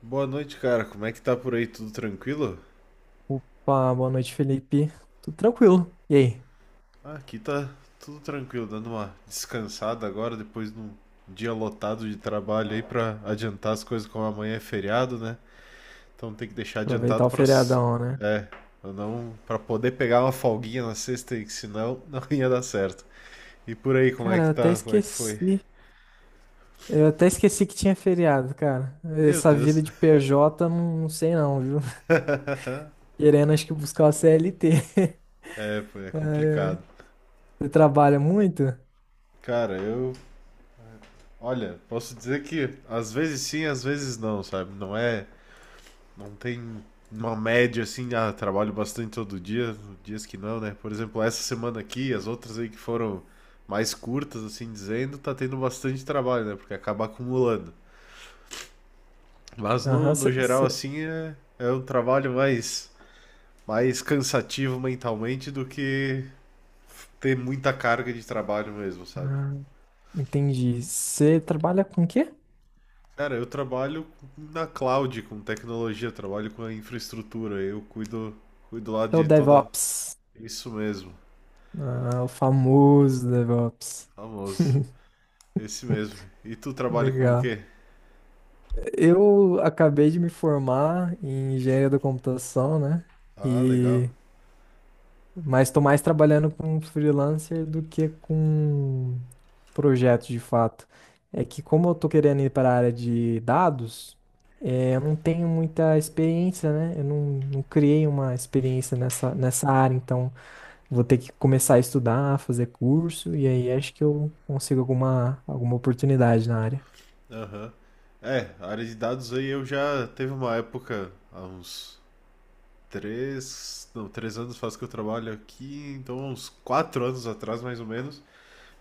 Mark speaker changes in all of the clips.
Speaker 1: Boa noite, cara. Como é que tá por aí? Tudo tranquilo?
Speaker 2: Pá, boa noite, Felipe. Tudo tranquilo. E aí?
Speaker 1: Ah, aqui tá tudo tranquilo, dando uma descansada agora depois de um dia lotado de trabalho aí pra adiantar as coisas, como amanhã é feriado, né? Então tem que deixar
Speaker 2: Aproveitar
Speaker 1: adiantado
Speaker 2: o feriadão, né?
Speaker 1: É, pra não para poder pegar uma folguinha na sexta aí, que senão não ia dar certo. E por aí, como é
Speaker 2: Cara,
Speaker 1: que
Speaker 2: eu até
Speaker 1: tá? Como é que foi?
Speaker 2: esqueci. Eu até esqueci que tinha feriado, cara.
Speaker 1: Meu
Speaker 2: Essa
Speaker 1: Deus.
Speaker 2: vida de PJ, não sei não, viu? Querendo, acho que buscar uma CLT.
Speaker 1: É, pô, é
Speaker 2: É,
Speaker 1: complicado.
Speaker 2: você trabalha muito?
Speaker 1: Cara, eu, olha, posso dizer que às vezes sim, às vezes não, sabe? Não tem uma média assim, ah, trabalho bastante todo dia, dias que não, né? Por exemplo, essa semana aqui, as outras aí que foram mais curtas, assim dizendo, tá tendo bastante trabalho, né? Porque acaba acumulando. Mas no,
Speaker 2: Aham.
Speaker 1: no geral, assim, é um trabalho mais, mais cansativo mentalmente do que ter muita carga de trabalho mesmo, sabe?
Speaker 2: Ah, Entendi. Você trabalha com o quê?
Speaker 1: Cara, eu trabalho na cloud, com tecnologia, trabalho com a infraestrutura, eu cuido lá
Speaker 2: É o
Speaker 1: de toda.
Speaker 2: DevOps.
Speaker 1: Isso mesmo,
Speaker 2: Ah, o famoso DevOps.
Speaker 1: famoso. Esse mesmo. E tu trabalha com o
Speaker 2: Legal.
Speaker 1: quê?
Speaker 2: Eu acabei de me formar em engenharia da computação, né?
Speaker 1: Ah, legal.
Speaker 2: E mas estou mais trabalhando com freelancer do que com projetos de fato. É que como eu estou querendo ir para a área de dados, eu não tenho muita experiência, né? Eu não, Não criei uma experiência nessa área, então vou ter que começar a estudar, fazer curso, e aí acho que eu consigo alguma oportunidade na área.
Speaker 1: Aham. É, a área de dados aí eu já teve uma época, há uns três, não, 3 anos faz que eu trabalho aqui, então uns 4 anos atrás mais ou menos,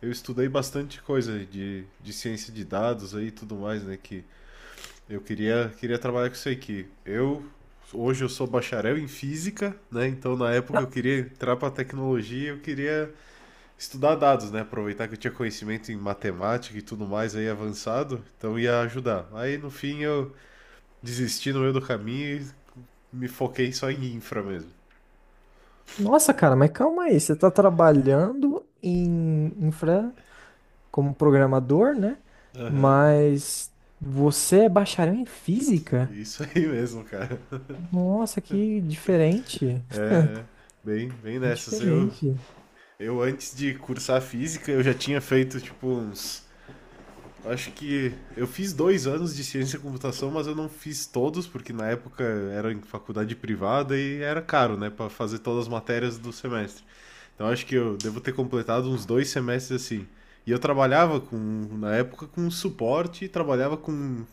Speaker 1: eu estudei bastante coisa de ciência de dados aí e tudo mais, né, que eu queria, queria trabalhar com isso aí, hoje eu sou bacharel em física, né, então na época eu queria entrar pra tecnologia, eu queria estudar dados, né? Aproveitar que eu tinha conhecimento em matemática e tudo mais aí avançado, então ia ajudar. Aí no fim eu desisti no meio do caminho e me foquei só em infra mesmo.
Speaker 2: Nossa, cara, mas calma aí. Você tá trabalhando em infra como programador, né?
Speaker 1: Aham.
Speaker 2: Mas você é bacharel em física?
Speaker 1: Isso aí mesmo, cara.
Speaker 2: Nossa, que diferente.
Speaker 1: Bem, bem nessas.
Speaker 2: Diferente.
Speaker 1: Eu antes de cursar física, eu já tinha feito tipo uns acho que eu fiz 2 anos de ciência da computação, mas eu não fiz todos, porque na época era em faculdade privada e era caro, né, pra fazer todas as matérias do semestre. Então acho que eu devo ter completado uns 2 semestres assim. E eu trabalhava com, na época, com suporte, trabalhava com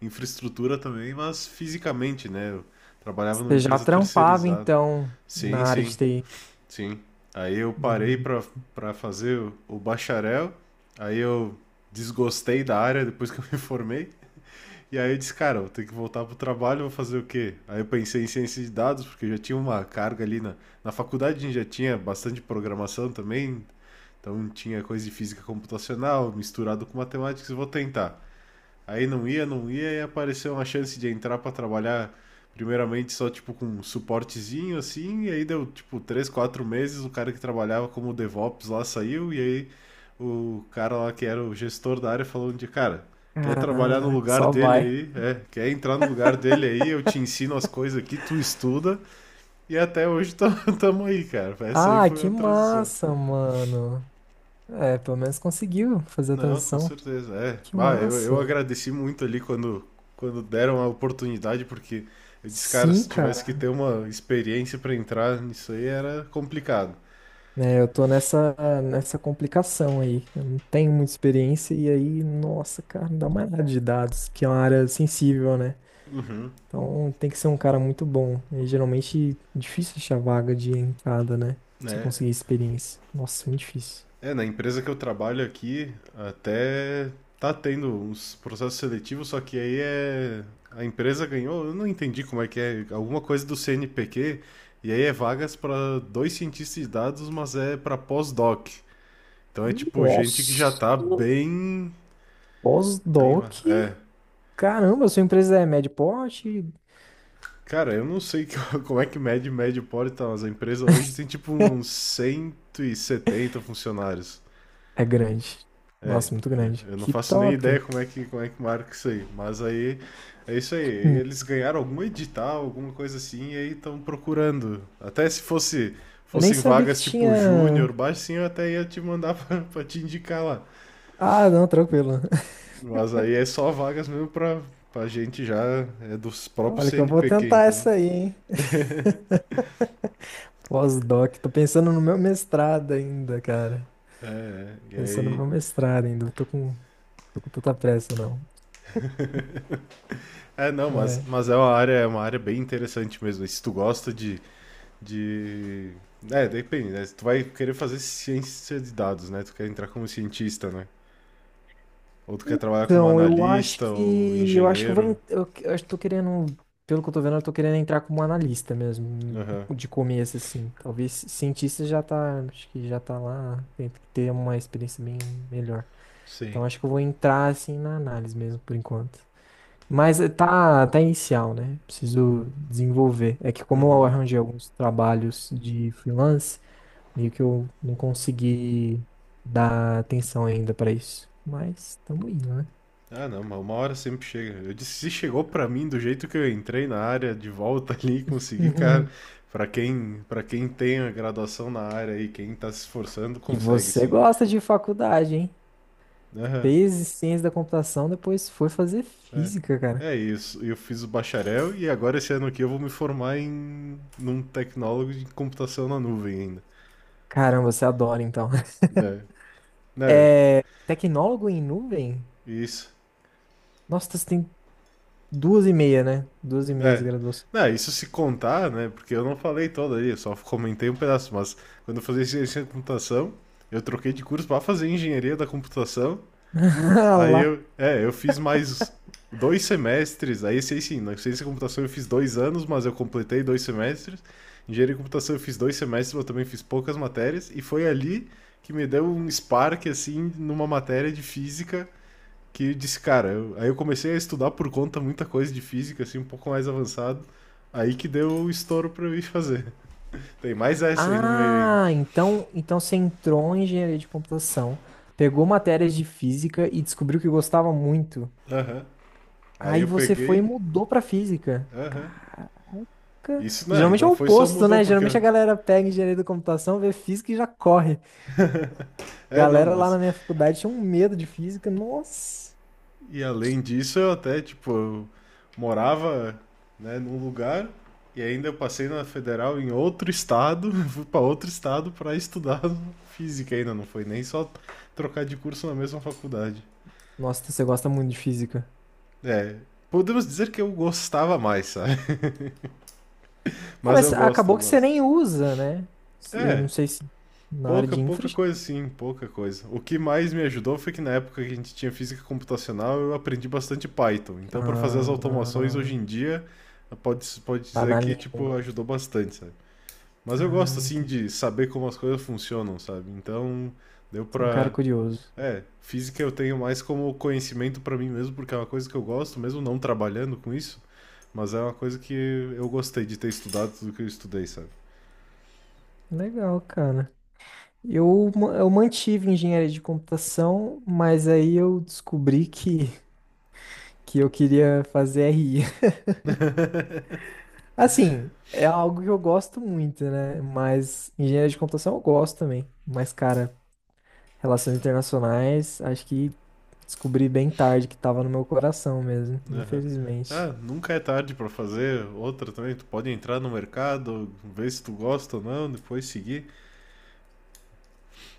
Speaker 1: infraestrutura também, mas fisicamente, né? Eu trabalhava numa
Speaker 2: Você já
Speaker 1: empresa
Speaker 2: trampava,
Speaker 1: terceirizada.
Speaker 2: então,
Speaker 1: Sim,
Speaker 2: na área
Speaker 1: sim,
Speaker 2: de TI.
Speaker 1: sim. Aí eu parei
Speaker 2: Hum.
Speaker 1: pra, pra fazer o bacharel, aí eu desgostei da área depois que eu me formei, e aí eu disse, cara, eu vou ter que voltar pro trabalho, vou fazer o quê? Aí eu pensei em ciência de dados, porque eu já tinha uma carga ali na faculdade, a gente já tinha bastante programação também, então tinha coisa de física computacional misturado com matemática, vou tentar. Aí não ia, e apareceu uma chance de entrar para trabalhar primeiramente só tipo com um suportezinho assim, e aí deu tipo 3, 4 meses, o cara que trabalhava como DevOps lá saiu, e aí o cara lá que era o gestor da área falou de cara, quer trabalhar no
Speaker 2: Caraca,
Speaker 1: lugar
Speaker 2: só
Speaker 1: dele
Speaker 2: vai.
Speaker 1: aí, é, quer entrar no lugar dele aí, eu te ensino as coisas aqui, tu estuda, e até hoje tamo aí, cara. Essa aí
Speaker 2: Ah,
Speaker 1: foi
Speaker 2: que
Speaker 1: uma transição.
Speaker 2: massa, mano. É, pelo menos conseguiu fazer a
Speaker 1: Não, com
Speaker 2: transição.
Speaker 1: certeza. É.
Speaker 2: Que
Speaker 1: Bah, eu
Speaker 2: massa.
Speaker 1: agradeci muito ali quando, quando deram a oportunidade, porque eu disse, cara,
Speaker 2: Sim,
Speaker 1: se tivesse que
Speaker 2: cara.
Speaker 1: ter uma experiência para entrar nisso aí era complicado.
Speaker 2: É, eu tô nessa complicação aí. Eu não tenho muita experiência e aí, nossa, cara, não dá mais nada de dados, que é uma área sensível, né?
Speaker 1: Uhum.
Speaker 2: Então tem que ser um cara muito bom. E geralmente difícil achar vaga de entrada, né? Pra você
Speaker 1: Né?
Speaker 2: conseguir experiência. Nossa, muito difícil.
Speaker 1: É, na empresa que eu trabalho aqui, até tá tendo uns processos seletivos, só que aí é. A empresa ganhou, eu não entendi como é que é, alguma coisa do CNPq, e aí é vagas para dois cientistas de dados, mas é para pós-doc. Então é tipo gente que já
Speaker 2: Nossa,
Speaker 1: tá bem. Bem lá.
Speaker 2: pós-doc?
Speaker 1: É.
Speaker 2: Caramba, sua empresa é médio porte?
Speaker 1: Cara, eu não sei como é que mede médio pode tá, mas a empresa hoje tem tipo uns 170 funcionários.
Speaker 2: É grande.
Speaker 1: É,
Speaker 2: Nossa, muito grande.
Speaker 1: eu não
Speaker 2: Que
Speaker 1: faço nem ideia
Speaker 2: top.
Speaker 1: como é que marca isso aí. Mas aí é isso aí.
Speaker 2: Hum.
Speaker 1: Eles ganharam algum edital, alguma coisa assim, e aí estão procurando. Até se
Speaker 2: Eu nem
Speaker 1: fossem
Speaker 2: sabia que
Speaker 1: vagas tipo
Speaker 2: tinha.
Speaker 1: júnior, baixinho, eu até ia te mandar pra, pra te indicar lá.
Speaker 2: Ah, não, tranquilo.
Speaker 1: Mas aí é só vagas mesmo pra, pra gente já. É dos próprios
Speaker 2: Olha que eu vou
Speaker 1: CNPq,
Speaker 2: tentar
Speaker 1: então.
Speaker 2: essa aí, hein? Pós-doc. Tô pensando no meu mestrado ainda, cara.
Speaker 1: É, é, e
Speaker 2: Pensando no
Speaker 1: aí.
Speaker 2: meu mestrado ainda. Não tô com, Tô com tanta pressa, não.
Speaker 1: É, não,
Speaker 2: É.
Speaker 1: mas é uma área bem interessante mesmo. Se tu gosta de, de. É, depende, né? Se tu vai querer fazer ciência de dados, né? Tu quer entrar como cientista, né? Ou tu quer trabalhar como analista ou
Speaker 2: Eu acho que eu vou.
Speaker 1: engenheiro.
Speaker 2: Eu acho que tô querendo. Pelo que eu tô vendo, eu tô querendo entrar como analista mesmo.
Speaker 1: Aham.
Speaker 2: De começo, assim. Talvez cientista já tá. Acho que já tá lá. Tem que ter uma experiência bem melhor.
Speaker 1: Sim.
Speaker 2: Então, acho que eu vou entrar, assim, na análise mesmo, por enquanto. Mas tá inicial, né? Preciso desenvolver. É que como eu arranjei alguns trabalhos de freelance, meio que eu não consegui dar atenção ainda pra isso. Mas estamos indo, né?
Speaker 1: Ah, não, mas uma hora sempre chega. Eu disse, se chegou pra mim do jeito que eu entrei na área, de volta ali, e consegui, cara. Pra quem tem a graduação na área e quem tá se esforçando,
Speaker 2: E
Speaker 1: consegue
Speaker 2: você
Speaker 1: sim.
Speaker 2: gosta de faculdade, hein?
Speaker 1: Aham.
Speaker 2: Fez ciência da computação, depois foi fazer
Speaker 1: É.
Speaker 2: física, cara.
Speaker 1: É isso. Eu fiz o bacharel e agora esse ano aqui eu vou me formar em num tecnólogo de computação na nuvem ainda.
Speaker 2: Caramba, você adora então.
Speaker 1: Né? Né?
Speaker 2: É, tecnólogo em nuvem?
Speaker 1: Isso.
Speaker 2: Nossa, você tem duas e meia, né? Duas e meias
Speaker 1: É.
Speaker 2: graduação.
Speaker 1: Né, isso se contar, né? Porque eu não falei toda aí, eu só comentei um pedaço, mas quando eu fazia ciência da computação, eu troquei de curso para fazer engenharia da computação.
Speaker 2: Ah
Speaker 1: Aí
Speaker 2: lá.
Speaker 1: eu, é, eu fiz mais 2 semestres, aí sei sim, na ciência da computação eu fiz 2 anos, mas eu completei 2 semestres. Engenharia de computação eu fiz 2 semestres, mas eu também fiz poucas matérias, e foi ali que me deu um spark, assim, numa matéria de física, que eu disse, cara, aí eu comecei a estudar por conta muita coisa de física, assim, um pouco mais avançado, aí que deu o estouro pra eu ir fazer. Tem mais essa aí no meio ainda.
Speaker 2: Ah, então você entrou em engenharia de computação, pegou matérias de física e descobriu que gostava muito.
Speaker 1: Aham. Aí
Speaker 2: Aí
Speaker 1: eu
Speaker 2: você foi e
Speaker 1: peguei,
Speaker 2: mudou pra física.
Speaker 1: aham.
Speaker 2: Nunca-
Speaker 1: Isso não, e
Speaker 2: geralmente é
Speaker 1: não
Speaker 2: o
Speaker 1: foi só
Speaker 2: oposto,
Speaker 1: mudou,
Speaker 2: né? Geralmente
Speaker 1: porque...
Speaker 2: a galera pega engenharia da computação, vê física e já corre.
Speaker 1: É, não,
Speaker 2: Galera lá
Speaker 1: mas...
Speaker 2: na minha faculdade tinha um medo de física. Nossa.
Speaker 1: E além disso, eu até, tipo, eu morava, né, num lugar e ainda eu passei na federal em outro estado, fui para outro estado para estudar física ainda, não foi nem só trocar de curso na mesma faculdade.
Speaker 2: Nossa, então você gosta muito de física.
Speaker 1: É, podemos dizer que eu gostava mais, sabe?
Speaker 2: É,
Speaker 1: Mas
Speaker 2: mas
Speaker 1: eu gosto, eu
Speaker 2: acabou que você
Speaker 1: gosto.
Speaker 2: nem usa, né? Se- eu
Speaker 1: É,
Speaker 2: não sei se na área
Speaker 1: pouca,
Speaker 2: de infra.
Speaker 1: pouca coisa, sim, pouca coisa. O que mais me ajudou foi que na época que a gente tinha física computacional, eu aprendi bastante Python. Então, para fazer as automações hoje
Speaker 2: Ah,
Speaker 1: em dia, pode
Speaker 2: tá
Speaker 1: dizer
Speaker 2: na
Speaker 1: que, tipo,
Speaker 2: língua.
Speaker 1: ajudou bastante, sabe? Mas eu
Speaker 2: Ah,
Speaker 1: gosto, assim,
Speaker 2: entendi.
Speaker 1: de saber como as coisas funcionam, sabe? Então, deu
Speaker 2: Você é um cara
Speaker 1: pra.
Speaker 2: curioso.
Speaker 1: É, física eu tenho mais como conhecimento para mim mesmo, porque é uma coisa que eu gosto, mesmo não trabalhando com isso. Mas é uma coisa que eu gostei de ter estudado tudo que eu estudei, sabe?
Speaker 2: Legal, cara. Eu mantive engenharia de computação, mas aí eu descobri que eu queria fazer RI. Assim, é algo que eu gosto muito, né? Mas engenharia de computação eu gosto também. Mas, cara, relações internacionais, acho que descobri bem tarde que tava no meu coração mesmo,
Speaker 1: Aham. Ah,
Speaker 2: infelizmente.
Speaker 1: nunca é tarde pra fazer outra também. Tu pode entrar no mercado, ver se tu gosta ou não, depois seguir.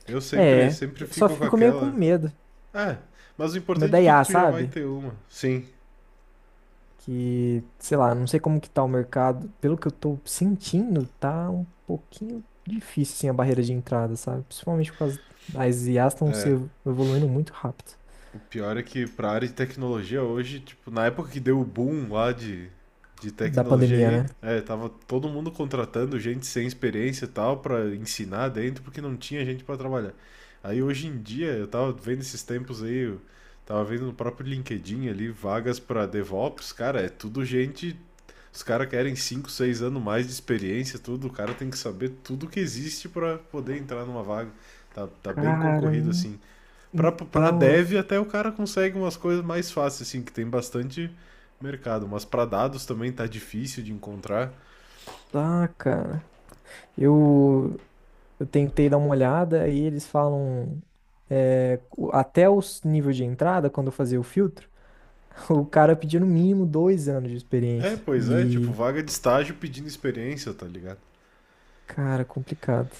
Speaker 1: Eu sempre,
Speaker 2: É,
Speaker 1: sempre
Speaker 2: eu só
Speaker 1: fico com
Speaker 2: fico meio com
Speaker 1: aquela.
Speaker 2: medo.
Speaker 1: Ah, mas o
Speaker 2: Com medo da
Speaker 1: importante é que
Speaker 2: IA,
Speaker 1: tu já vai
Speaker 2: sabe?
Speaker 1: ter uma. Sim.
Speaker 2: Que, sei lá, não sei como que tá o mercado. Pelo que eu tô sentindo, tá um pouquinho difícil, assim, a barreira de entrada, sabe? Principalmente por causa as IAs estão se evo- evoluindo muito rápido
Speaker 1: O pior é que pra área de tecnologia hoje, tipo, na época que deu o boom lá de
Speaker 2: da
Speaker 1: tecnologia
Speaker 2: pandemia,
Speaker 1: aí,
Speaker 2: né?
Speaker 1: é, tava todo mundo contratando gente sem experiência e tal pra ensinar dentro, porque não tinha gente pra trabalhar. Aí hoje em dia, eu tava vendo esses tempos aí, eu tava vendo no próprio LinkedIn ali, vagas pra DevOps, cara, é tudo gente. Os caras querem 5 6 anos mais de experiência, tudo. O cara tem que saber tudo que existe pra poder entrar numa vaga. Tá, tá bem
Speaker 2: Cara,
Speaker 1: concorrido
Speaker 2: en-
Speaker 1: assim. Pra
Speaker 2: então, eu-
Speaker 1: dev até o cara consegue umas coisas mais fáceis, assim, que tem bastante mercado. Mas pra dados também tá difícil de encontrar.
Speaker 2: Tá, cara. Eu Eu tentei dar uma olhada e eles falam até os nível de entrada, quando eu fazia o filtro, o cara pedia no mínimo 2 anos de
Speaker 1: É,
Speaker 2: experiência.
Speaker 1: pois é, tipo,
Speaker 2: E,
Speaker 1: vaga de estágio pedindo experiência, tá ligado?
Speaker 2: cara, complicado.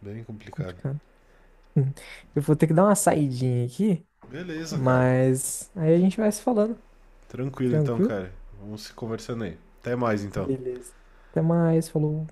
Speaker 1: Bem complicado.
Speaker 2: Complicado. Hum. Eu vou ter que dar uma saidinha aqui,
Speaker 1: Beleza, cara.
Speaker 2: mas aí a gente vai se falando.
Speaker 1: Tranquilo então,
Speaker 2: Tranquilo?
Speaker 1: cara. Vamos se conversando aí. Até mais então.
Speaker 2: Beleza. Até mais, falou.